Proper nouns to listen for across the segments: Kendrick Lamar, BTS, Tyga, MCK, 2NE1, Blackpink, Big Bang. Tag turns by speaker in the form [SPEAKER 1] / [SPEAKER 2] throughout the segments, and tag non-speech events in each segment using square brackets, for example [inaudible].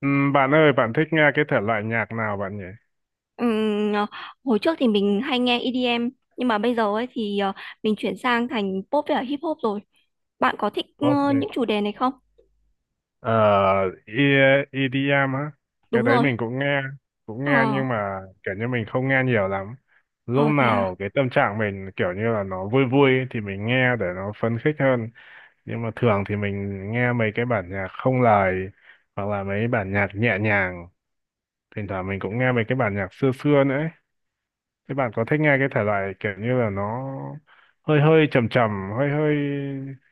[SPEAKER 1] Bạn ơi, bạn thích nghe cái thể loại nhạc nào bạn nhỉ?
[SPEAKER 2] Ừm, ờ, hồi trước thì mình hay nghe EDM nhưng mà bây giờ ấy thì mình chuyển sang thành pop với cả hip hop rồi. Bạn có thích
[SPEAKER 1] Pop đi.
[SPEAKER 2] những chủ đề này không?
[SPEAKER 1] Ờ, EDM á. Cái
[SPEAKER 2] Đúng
[SPEAKER 1] đấy
[SPEAKER 2] rồi.
[SPEAKER 1] mình cũng nghe,
[SPEAKER 2] Ờ.
[SPEAKER 1] nhưng mà kiểu như mình không nghe nhiều lắm. Lúc
[SPEAKER 2] ờ Thế à.
[SPEAKER 1] nào cái tâm trạng mình kiểu như là nó vui vui ấy thì mình nghe để nó phấn khích hơn. Nhưng mà thường thì mình nghe mấy cái bản nhạc không lời hoặc là mấy bản nhạc nhẹ nhàng. Thỉnh thoảng mình cũng nghe mấy cái bản nhạc xưa xưa nữa ấy. Thế bạn có thích nghe cái thể loại kiểu như là nó hơi hơi trầm trầm, hơi hơi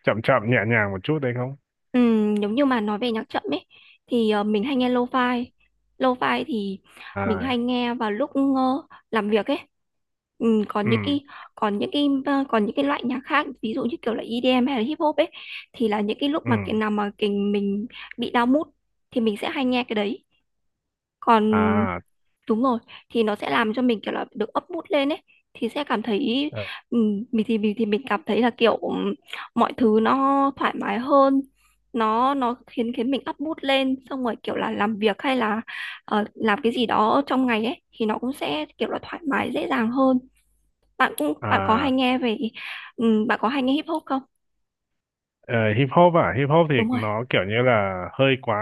[SPEAKER 1] chậm chậm nhẹ nhàng một chút đấy không?
[SPEAKER 2] Giống như mà nói về nhạc chậm ấy thì mình hay nghe lo-fi. Lo-fi thì mình
[SPEAKER 1] À.
[SPEAKER 2] hay nghe vào lúc làm việc ấy. Còn
[SPEAKER 1] Ừ.
[SPEAKER 2] những cái loại nhạc khác, ví dụ như kiểu là EDM hay là hip hop ấy, thì là những cái lúc
[SPEAKER 1] Ừ.
[SPEAKER 2] mà cái nào mà cái mình bị down mood thì mình sẽ hay nghe cái đấy. Còn,
[SPEAKER 1] À.
[SPEAKER 2] đúng rồi, thì nó sẽ làm cho mình kiểu là được up mood lên ấy, thì sẽ cảm thấy
[SPEAKER 1] Ờ.
[SPEAKER 2] mình cảm thấy là kiểu mọi thứ nó thoải mái hơn. Nó khiến khiến mình up mood lên, xong rồi kiểu là làm việc hay là làm cái gì đó trong ngày ấy thì nó cũng sẽ kiểu là thoải mái dễ dàng hơn. bạn cũng bạn có hay
[SPEAKER 1] À.
[SPEAKER 2] nghe về Bạn có hay nghe hip hop không?
[SPEAKER 1] ờ, Hip hop à? Hip hop thì
[SPEAKER 2] Đúng rồi.
[SPEAKER 1] nó kiểu như là hơi quá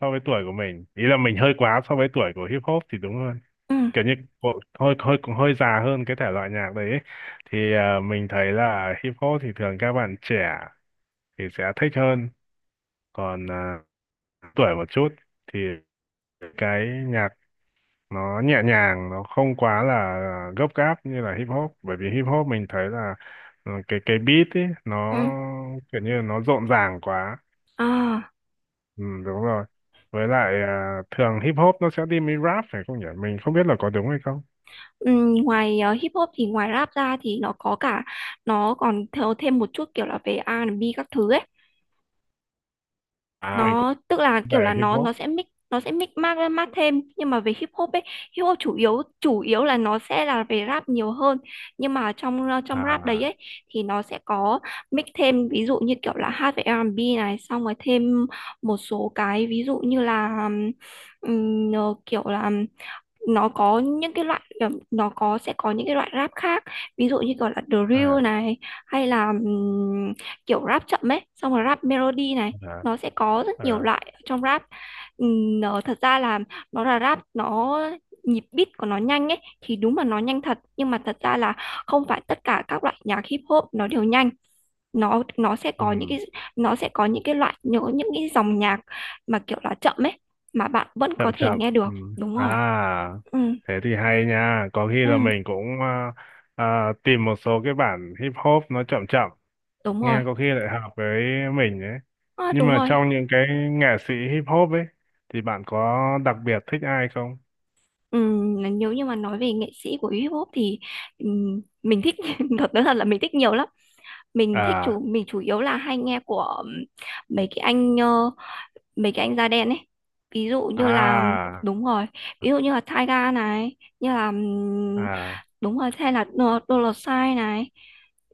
[SPEAKER 1] so với tuổi của mình. Ý là mình hơi quá so với tuổi của hip hop thì đúng hơn.
[SPEAKER 2] Ừ,
[SPEAKER 1] Kiểu như hơi hơi cũng hơi già hơn cái thể loại nhạc đấy ấy. Thì mình thấy là hip hop thì thường các bạn trẻ thì sẽ thích hơn, còn tuổi một chút thì cái nhạc nó nhẹ nhàng, nó không quá là gấp gáp như là hip hop, bởi vì hip hop mình thấy là cái beat ấy nó
[SPEAKER 2] ừ.
[SPEAKER 1] kiểu như là nó rộn ràng quá.
[SPEAKER 2] À.
[SPEAKER 1] Ừ, Đúng rồi. Với lại thường hip hop nó sẽ đi với rap phải không nhỉ, mình không biết là có đúng hay không.
[SPEAKER 2] Ngoài hip hop thì ngoài rap ra thì nó có cả nó còn theo thêm một chút kiểu là về R&B các thứ ấy.
[SPEAKER 1] Mình cũng
[SPEAKER 2] Nó tức là kiểu
[SPEAKER 1] về
[SPEAKER 2] là
[SPEAKER 1] hip
[SPEAKER 2] nó
[SPEAKER 1] hop.
[SPEAKER 2] nó sẽ mix mát mát thêm, nhưng mà về hip hop ấy, hip hop chủ yếu là nó sẽ là về rap nhiều hơn. Nhưng mà trong rap đấy
[SPEAKER 1] À.
[SPEAKER 2] ấy thì nó sẽ có mix thêm, ví dụ như kiểu là hát về R&B này, xong rồi thêm một số cái ví dụ như là kiểu là nó có những cái loại nó có sẽ có những cái loại rap khác, ví dụ như gọi là drill
[SPEAKER 1] À.
[SPEAKER 2] này, hay là kiểu rap chậm ấy, xong rồi rap melody này,
[SPEAKER 1] À.
[SPEAKER 2] nó sẽ có rất nhiều
[SPEAKER 1] À.
[SPEAKER 2] loại ở trong rap. Nó thật ra là nó là rap nó nhịp beat của nó nhanh ấy, thì đúng là nó nhanh thật, nhưng mà thật ra là không phải tất cả các loại nhạc hip hop nó đều nhanh. Nó sẽ có những cái
[SPEAKER 1] Ừ,
[SPEAKER 2] loại nhớ những cái dòng nhạc mà kiểu là chậm ấy, mà bạn vẫn có
[SPEAKER 1] chậm
[SPEAKER 2] thể
[SPEAKER 1] chậm.
[SPEAKER 2] nghe được.
[SPEAKER 1] Ừ.
[SPEAKER 2] Đúng rồi.
[SPEAKER 1] À.
[SPEAKER 2] Ừ.
[SPEAKER 1] Thế thì hay nha, có khi là
[SPEAKER 2] Ừ,
[SPEAKER 1] mình cũng tìm một số cái bản hip hop nó chậm chậm
[SPEAKER 2] đúng
[SPEAKER 1] nghe,
[SPEAKER 2] rồi.
[SPEAKER 1] có khi lại hợp với mình ấy.
[SPEAKER 2] À,
[SPEAKER 1] Nhưng
[SPEAKER 2] đúng
[SPEAKER 1] mà
[SPEAKER 2] rồi.
[SPEAKER 1] trong những cái nghệ sĩ hip hop ấy thì bạn có đặc biệt thích ai không?
[SPEAKER 2] Ừ, nếu như mà nói về nghệ sĩ của hip-hop thì mình thích [laughs] nói thật là mình thích nhiều lắm. Mình thích chủ
[SPEAKER 1] À
[SPEAKER 2] mình chủ yếu là hay nghe của mấy cái anh da đen ấy. Ví dụ như là,
[SPEAKER 1] à.
[SPEAKER 2] đúng rồi, ví dụ như là Tyga này, như là,
[SPEAKER 1] À.
[SPEAKER 2] đúng rồi, hay là Dollar Sign này.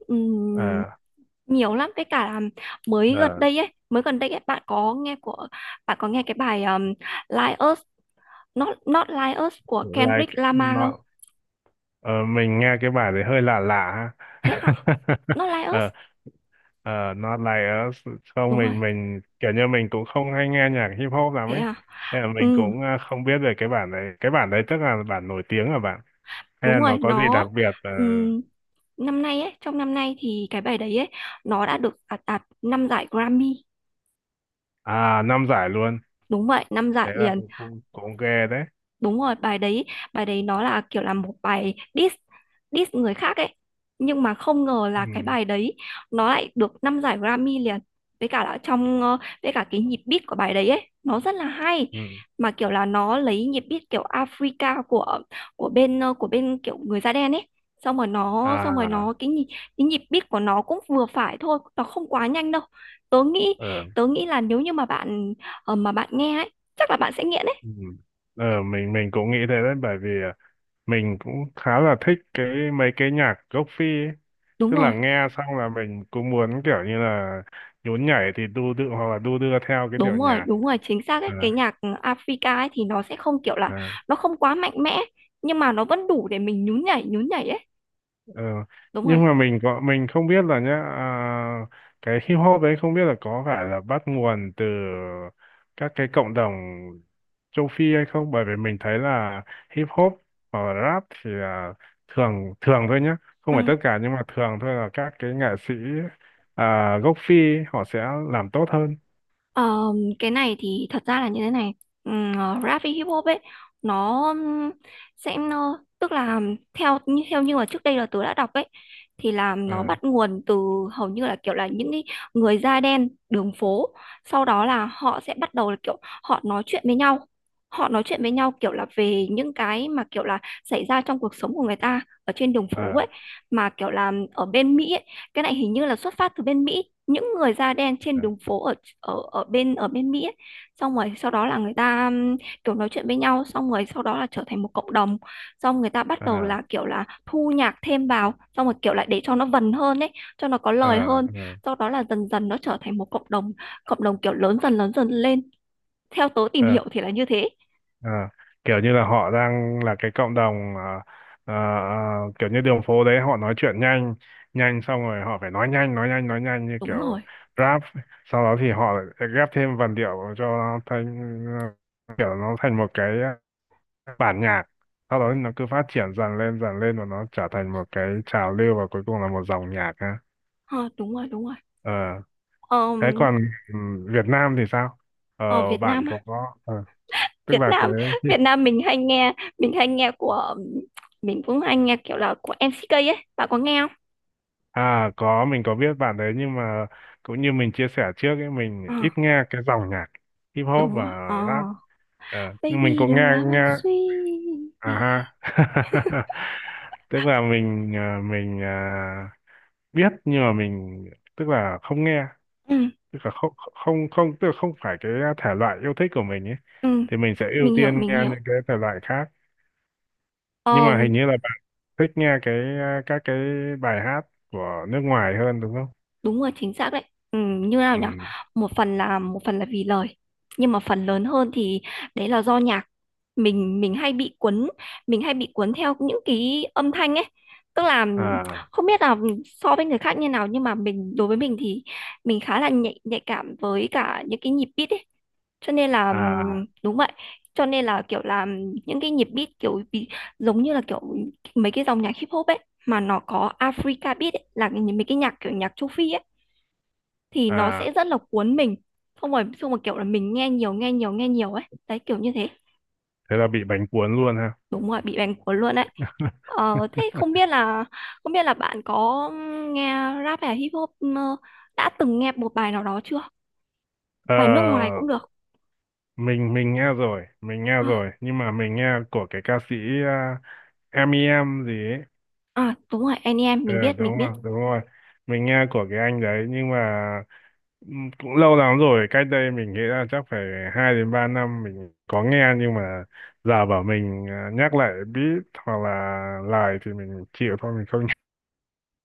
[SPEAKER 2] Ừm,
[SPEAKER 1] À.
[SPEAKER 2] Nhiều lắm cái cả là mới gần
[SPEAKER 1] À.
[SPEAKER 2] đây ấy, bạn có nghe của bạn có nghe cái bài Like Us Not Not Like Us của
[SPEAKER 1] like
[SPEAKER 2] Kendrick Lamar không?
[SPEAKER 1] nó ờ, mình nghe cái bài đấy hơi lạ lạ ha.
[SPEAKER 2] Thế hả? Not
[SPEAKER 1] [laughs]
[SPEAKER 2] Like Us.
[SPEAKER 1] ờ Not like us. Không,
[SPEAKER 2] Đúng rồi,
[SPEAKER 1] mình kiểu như mình cũng không hay nghe nhạc hip hop lắm
[SPEAKER 2] thế
[SPEAKER 1] ấy,
[SPEAKER 2] à?
[SPEAKER 1] hay là mình
[SPEAKER 2] Ừ,
[SPEAKER 1] cũng không biết về cái bản đấy. Cái bản đấy tức là bản nổi tiếng hả bạn, hay
[SPEAKER 2] đúng
[SPEAKER 1] là nó
[SPEAKER 2] rồi,
[SPEAKER 1] có gì đặc
[SPEAKER 2] nó
[SPEAKER 1] biệt? Ờ,
[SPEAKER 2] ừm, trong năm nay thì cái bài đấy ấy nó đã được đạt đạt 5 giải Grammy.
[SPEAKER 1] À, năm giải luôn?
[SPEAKER 2] Đúng vậy, 5 giải
[SPEAKER 1] Thế là
[SPEAKER 2] liền.
[SPEAKER 1] cũng cũng ghê đấy.
[SPEAKER 2] Đúng rồi. Bài đấy, nó là kiểu là một bài diss, người khác ấy, nhưng mà không ngờ là cái
[SPEAKER 1] Ừ.
[SPEAKER 2] bài đấy nó lại được năm giải Grammy liền. Với cả là với cả cái nhịp beat của bài đấy ấy nó rất là hay,
[SPEAKER 1] Ừ.
[SPEAKER 2] mà kiểu là nó lấy nhịp beat kiểu Africa của của bên kiểu người da đen ấy, xong rồi nó
[SPEAKER 1] À.
[SPEAKER 2] cái nhịp beat của nó cũng vừa phải thôi, nó không quá nhanh đâu. tớ nghĩ
[SPEAKER 1] Ờ.
[SPEAKER 2] Tớ nghĩ là nếu như mà mà bạn nghe ấy, chắc là bạn sẽ nghiện ấy.
[SPEAKER 1] Ừ. mình cũng nghĩ thế đấy, bởi vì mình cũng khá là thích cái mấy cái nhạc gốc Phi ấy.
[SPEAKER 2] Đúng
[SPEAKER 1] Tức là
[SPEAKER 2] rồi.
[SPEAKER 1] nghe xong là mình cũng muốn kiểu như là nhún nhảy thì đu đưa, hoặc là đu đưa theo cái điệu
[SPEAKER 2] Đúng rồi,
[SPEAKER 1] nhạc.
[SPEAKER 2] đúng rồi, chính xác ấy.
[SPEAKER 1] À.
[SPEAKER 2] Cái nhạc Africa ấy thì nó sẽ không kiểu là
[SPEAKER 1] À.
[SPEAKER 2] nó không quá mạnh mẽ, nhưng mà nó vẫn đủ để mình nhún nhảy ấy.
[SPEAKER 1] Ờ,
[SPEAKER 2] Đúng rồi.
[SPEAKER 1] nhưng mà mình không biết là nhá, cái hip hop đấy không biết là có phải là bắt nguồn từ các cái cộng đồng châu Phi hay không, bởi vì mình thấy là hip hop hoặc là rap thì là thường thường thôi nhá, không
[SPEAKER 2] Ừ.
[SPEAKER 1] phải tất cả, nhưng mà thường thôi là các cái nghệ sĩ gốc Phi họ sẽ làm tốt hơn.
[SPEAKER 2] Ờ, cái này thì thật ra là như thế này. um, Rap với hip hop ấy, nó tức là theo như mà trước đây là tôi đã đọc ấy, thì là
[SPEAKER 1] Ờ.
[SPEAKER 2] nó bắt nguồn từ hầu như là kiểu là những cái người da đen đường phố. Sau đó là họ sẽ bắt đầu là kiểu họ nói chuyện với nhau, kiểu là về những cái mà kiểu là xảy ra trong cuộc sống của người ta ở trên đường phố
[SPEAKER 1] Ờ.
[SPEAKER 2] ấy, mà kiểu là ở bên Mỹ ấy. Cái này hình như là xuất phát từ bên Mỹ, những người da đen trên
[SPEAKER 1] Ờ.
[SPEAKER 2] đường phố ở ở ở bên Mỹ ấy. Xong rồi sau đó là người ta kiểu nói chuyện với nhau, xong rồi sau đó là trở thành một cộng đồng. Xong người ta bắt
[SPEAKER 1] Ờ.
[SPEAKER 2] đầu là kiểu là thu nhạc thêm vào, xong rồi kiểu lại để cho nó vần hơn ấy, cho nó có
[SPEAKER 1] Ờ.
[SPEAKER 2] lời hơn.
[SPEAKER 1] Ờ.
[SPEAKER 2] Sau đó là dần dần nó trở thành một cộng đồng, kiểu lớn dần lên. Theo tớ tìm
[SPEAKER 1] Ờ.
[SPEAKER 2] hiểu thì là như thế.
[SPEAKER 1] Ờ, kiểu như là họ đang là cái cộng đồng, ờ, kiểu như đường phố đấy họ nói chuyện nhanh nhanh, xong rồi họ phải nói nhanh nói nhanh nói nhanh như
[SPEAKER 2] Đúng
[SPEAKER 1] kiểu
[SPEAKER 2] rồi.
[SPEAKER 1] rap, sau đó thì họ lại ghép thêm vần điệu cho nó thành ờ, kiểu nó thành một cái bản nhạc, sau đó nó cứ phát triển dần lên và nó trở thành một cái trào lưu, và cuối cùng là một dòng nhạc ha.
[SPEAKER 2] Ờ, đúng rồi, đúng rồi.
[SPEAKER 1] Ờ, thế
[SPEAKER 2] Ờm,
[SPEAKER 1] còn ừ, Việt Nam thì sao? Ờ,
[SPEAKER 2] Ở Việt
[SPEAKER 1] bạn
[SPEAKER 2] Nam
[SPEAKER 1] có
[SPEAKER 2] á.
[SPEAKER 1] tức
[SPEAKER 2] Việt
[SPEAKER 1] là
[SPEAKER 2] Nam [laughs]
[SPEAKER 1] cái...
[SPEAKER 2] Việt Nam mình hay nghe của mình cũng hay nghe kiểu là của MCK ấy, bạn có nghe không?
[SPEAKER 1] À, có, mình có biết bạn đấy, nhưng mà cũng như mình chia sẻ trước ấy,
[SPEAKER 2] Ờ,
[SPEAKER 1] mình ít nghe cái dòng nhạc hip hop
[SPEAKER 2] đúng
[SPEAKER 1] và
[SPEAKER 2] rồi. Ờ
[SPEAKER 1] rap. Ờ, nhưng mình
[SPEAKER 2] Baby
[SPEAKER 1] cũng nghe
[SPEAKER 2] đừng làm
[SPEAKER 1] nghe.
[SPEAKER 2] anh suy.
[SPEAKER 1] À ha. [laughs] Tức là mình biết, nhưng mà mình tức là không nghe,
[SPEAKER 2] Ừ,
[SPEAKER 1] tức là không không không, tức là không phải cái thể loại yêu thích của mình ấy,
[SPEAKER 2] ừ.
[SPEAKER 1] thì mình sẽ ưu tiên
[SPEAKER 2] Mình
[SPEAKER 1] nghe
[SPEAKER 2] hiểu.
[SPEAKER 1] những cái thể loại khác. Nhưng
[SPEAKER 2] ờ
[SPEAKER 1] mà hình như là bạn thích nghe các cái bài hát của nước ngoài hơn đúng không?
[SPEAKER 2] Đúng rồi, chính xác đấy. Như nào nhỉ.
[SPEAKER 1] Ừ.
[SPEAKER 2] Một phần là, vì lời, nhưng mà phần lớn hơn thì đấy là do nhạc. Mình hay bị cuốn, theo những cái âm thanh ấy, tức là
[SPEAKER 1] À.
[SPEAKER 2] không biết là so với người khác như nào, nhưng mà đối với mình thì mình khá là nhạy nhạy cảm với cả những cái nhịp beat ấy, cho nên là
[SPEAKER 1] À.
[SPEAKER 2] đúng vậy, cho nên là kiểu là những cái nhịp beat kiểu bị giống như là kiểu mấy cái dòng nhạc hip hop ấy mà nó có Africa beat ấy, là mấy cái nhạc kiểu nhạc châu Phi ấy, thì nó
[SPEAKER 1] À,
[SPEAKER 2] sẽ rất là cuốn mình. Không phải, xong rồi kiểu là mình nghe nhiều nghe nhiều nghe nhiều ấy đấy, kiểu như thế.
[SPEAKER 1] thế là bị bánh cuốn luôn ha.
[SPEAKER 2] Đúng rồi, bị bành cuốn luôn đấy.
[SPEAKER 1] [laughs]
[SPEAKER 2] Thế không biết là, bạn có nghe rap hay hip hop, đã từng nghe một bài nào đó chưa.
[SPEAKER 1] ờ
[SPEAKER 2] Bài nước ngoài cũng được.
[SPEAKER 1] mình nghe rồi,
[SPEAKER 2] À,
[SPEAKER 1] nhưng mà mình nghe của cái ca sĩ à, em i em gì ấy.
[SPEAKER 2] à, đúng rồi, anh em
[SPEAKER 1] Ờ,
[SPEAKER 2] mình biết mình
[SPEAKER 1] đúng
[SPEAKER 2] biết
[SPEAKER 1] rồi, đúng rồi, mình nghe của cái anh đấy, nhưng mà cũng lâu lắm rồi, cách đây mình nghĩ là chắc phải 2 đến 3 năm mình có nghe, nhưng mà giờ bảo mình nhắc lại beat hoặc là lại thì mình chịu thôi, mình không [laughs] nghe.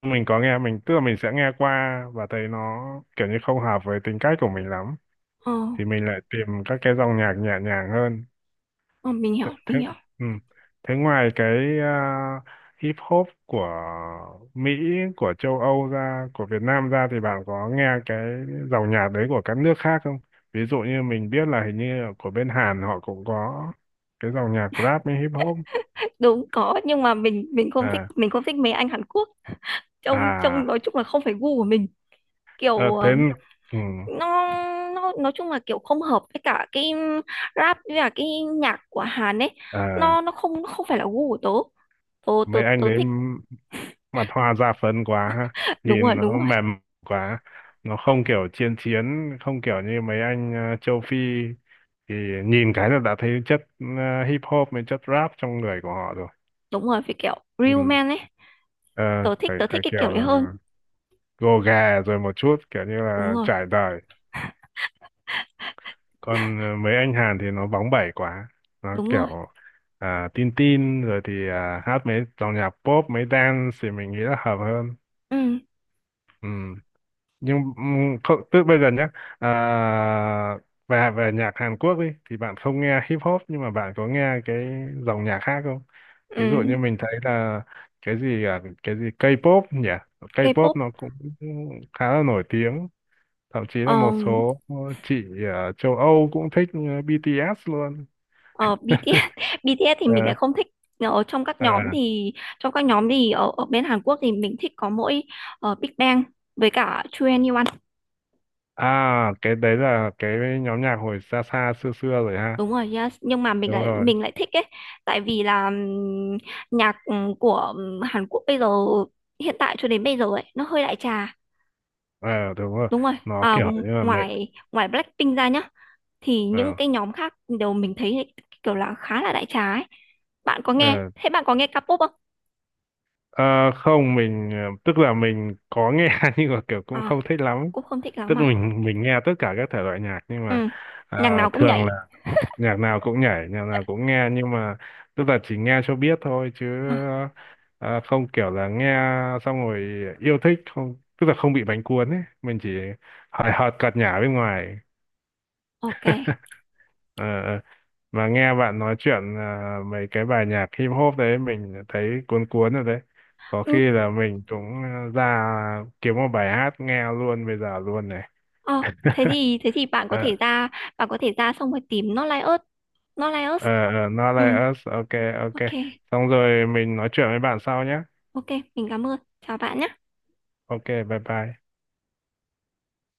[SPEAKER 1] Mình có nghe, mình tức là mình sẽ nghe qua và thấy nó kiểu như không hợp với tính cách của mình lắm,
[SPEAKER 2] ờ,
[SPEAKER 1] thì mình lại tìm các cái dòng nhạc nhẹ nhàng hơn.
[SPEAKER 2] ờ, mình
[SPEAKER 1] Thế,
[SPEAKER 2] hiểu mình
[SPEAKER 1] thế,
[SPEAKER 2] hiểu
[SPEAKER 1] ừ, thế ngoài cái hip hop của Mỹ, của châu Âu ra, của Việt Nam ra thì bạn có nghe cái dòng nhạc đấy của các nước khác không? Ví dụ như mình biết là hình như của bên Hàn họ cũng có cái dòng nhạc rap với hip hop.
[SPEAKER 2] Đúng, có, nhưng mà mình không thích,
[SPEAKER 1] À.
[SPEAKER 2] mấy anh Hàn Quốc. Trông Trông
[SPEAKER 1] À.
[SPEAKER 2] nói chung là không phải gu của mình.
[SPEAKER 1] Ờ.
[SPEAKER 2] Kiểu
[SPEAKER 1] Thế. Ừ.
[SPEAKER 2] nó nó nói chung là kiểu không hợp với cả cái rap, với cả cái nhạc của Hàn ấy.
[SPEAKER 1] À,
[SPEAKER 2] Nó không phải là gu của tớ tớ tớ
[SPEAKER 1] mấy anh
[SPEAKER 2] tớ
[SPEAKER 1] đấy
[SPEAKER 2] thích.
[SPEAKER 1] mặt hoa ra phấn quá ha.
[SPEAKER 2] [laughs] Đúng rồi,
[SPEAKER 1] Nhìn
[SPEAKER 2] đúng
[SPEAKER 1] nó
[SPEAKER 2] rồi,
[SPEAKER 1] mềm quá, nó không kiểu chiến chiến, không kiểu như mấy anh châu Phi thì nhìn cái là đã thấy chất hip hop với chất rap trong người của họ rồi.
[SPEAKER 2] đúng rồi, phải kiểu real
[SPEAKER 1] Ừ.
[SPEAKER 2] man ấy.
[SPEAKER 1] Ờ, phải
[SPEAKER 2] Tớ thích
[SPEAKER 1] phải
[SPEAKER 2] cái kiểu
[SPEAKER 1] kiểu
[SPEAKER 2] đấy hơn.
[SPEAKER 1] là gồ ghề rồi một chút, kiểu như
[SPEAKER 2] Đúng
[SPEAKER 1] là
[SPEAKER 2] rồi,
[SPEAKER 1] trải đời, còn mấy anh Hàn thì nó bóng bẩy quá, nó
[SPEAKER 2] đúng rồi.
[SPEAKER 1] kiểu tin tin rồi thì hát mấy dòng nhạc pop mấy dance thì mình nghĩ là hợp hơn.
[SPEAKER 2] Ừ,
[SPEAKER 1] Ừ. Nhưng không, tức bây giờ nhé, à, về về nhạc Hàn Quốc đi thì bạn không nghe hip hop, nhưng mà bạn có nghe cái dòng nhạc khác không?
[SPEAKER 2] ừ.
[SPEAKER 1] Ví dụ như mình thấy là cái gì K-pop nhỉ? K-pop
[SPEAKER 2] K-pop.
[SPEAKER 1] nó cũng khá là nổi tiếng, thậm chí là một
[SPEAKER 2] um,
[SPEAKER 1] số chị ở châu Âu cũng thích BTS luôn.
[SPEAKER 2] ờ, BTS, [laughs] thì mình
[SPEAKER 1] Ờ,
[SPEAKER 2] lại không thích. Ở trong các nhóm
[SPEAKER 1] à,
[SPEAKER 2] thì Trong các nhóm thì ở bên Hàn Quốc thì mình thích có mỗi Big Bang với cả 2NE1.
[SPEAKER 1] cái đấy là cái nhóm nhạc hồi xa xa xưa xưa rồi ha.
[SPEAKER 2] Đúng rồi nhá, nhưng mà
[SPEAKER 1] Đúng rồi.
[SPEAKER 2] mình lại thích ấy, tại vì là nhạc của Hàn Quốc bây giờ hiện tại cho đến bây giờ ấy nó hơi đại trà.
[SPEAKER 1] Ờ, Đúng rồi,
[SPEAKER 2] Đúng rồi.
[SPEAKER 1] nó
[SPEAKER 2] À,
[SPEAKER 1] kiểu như là mẹ.
[SPEAKER 2] ngoài ngoài Blackpink ra nhá thì những
[SPEAKER 1] Ờ.
[SPEAKER 2] cái nhóm khác đều mình thấy kiểu là khá là đại trà ấy.
[SPEAKER 1] Ờ.
[SPEAKER 2] Thế bạn có nghe K-pop không?
[SPEAKER 1] Ờ, Không, mình tức là mình có nghe [laughs] nhưng mà kiểu cũng không
[SPEAKER 2] À,
[SPEAKER 1] thích lắm.
[SPEAKER 2] cũng không thích lắm
[SPEAKER 1] Tức
[SPEAKER 2] à.
[SPEAKER 1] mình nghe tất cả các thể loại nhạc nhưng
[SPEAKER 2] Ừ,
[SPEAKER 1] mà
[SPEAKER 2] nhạc nào cũng
[SPEAKER 1] thường là
[SPEAKER 2] nhảy.
[SPEAKER 1] nhạc nào cũng nhảy, nhạc nào cũng nghe, nhưng mà tức là chỉ nghe cho biết thôi, chứ
[SPEAKER 2] À,
[SPEAKER 1] không kiểu là nghe xong rồi yêu thích, không, tức là không bị bánh cuốn ấy, mình chỉ hời hợt cợt nhả bên ngoài.
[SPEAKER 2] ok.
[SPEAKER 1] Ờ, ờ. Mà nghe bạn nói chuyện mấy cái bài nhạc hip hop đấy mình thấy cuốn cuốn rồi đấy, có
[SPEAKER 2] Ừ,
[SPEAKER 1] khi là mình cũng ra kiếm một bài hát nghe luôn bây giờ luôn này.
[SPEAKER 2] ờ, Thế
[SPEAKER 1] [laughs]
[SPEAKER 2] thì
[SPEAKER 1] ờ
[SPEAKER 2] bạn có thể ra xong rồi tìm Not Like Us, Not Like Us.
[SPEAKER 1] ờ, Not
[SPEAKER 2] Ừ,
[SPEAKER 1] Like Us, ok. Ok,
[SPEAKER 2] ok.
[SPEAKER 1] xong rồi mình nói chuyện với bạn sau nhé.
[SPEAKER 2] Ok, mình cảm ơn. Chào bạn nhé.
[SPEAKER 1] Ok, bye bye.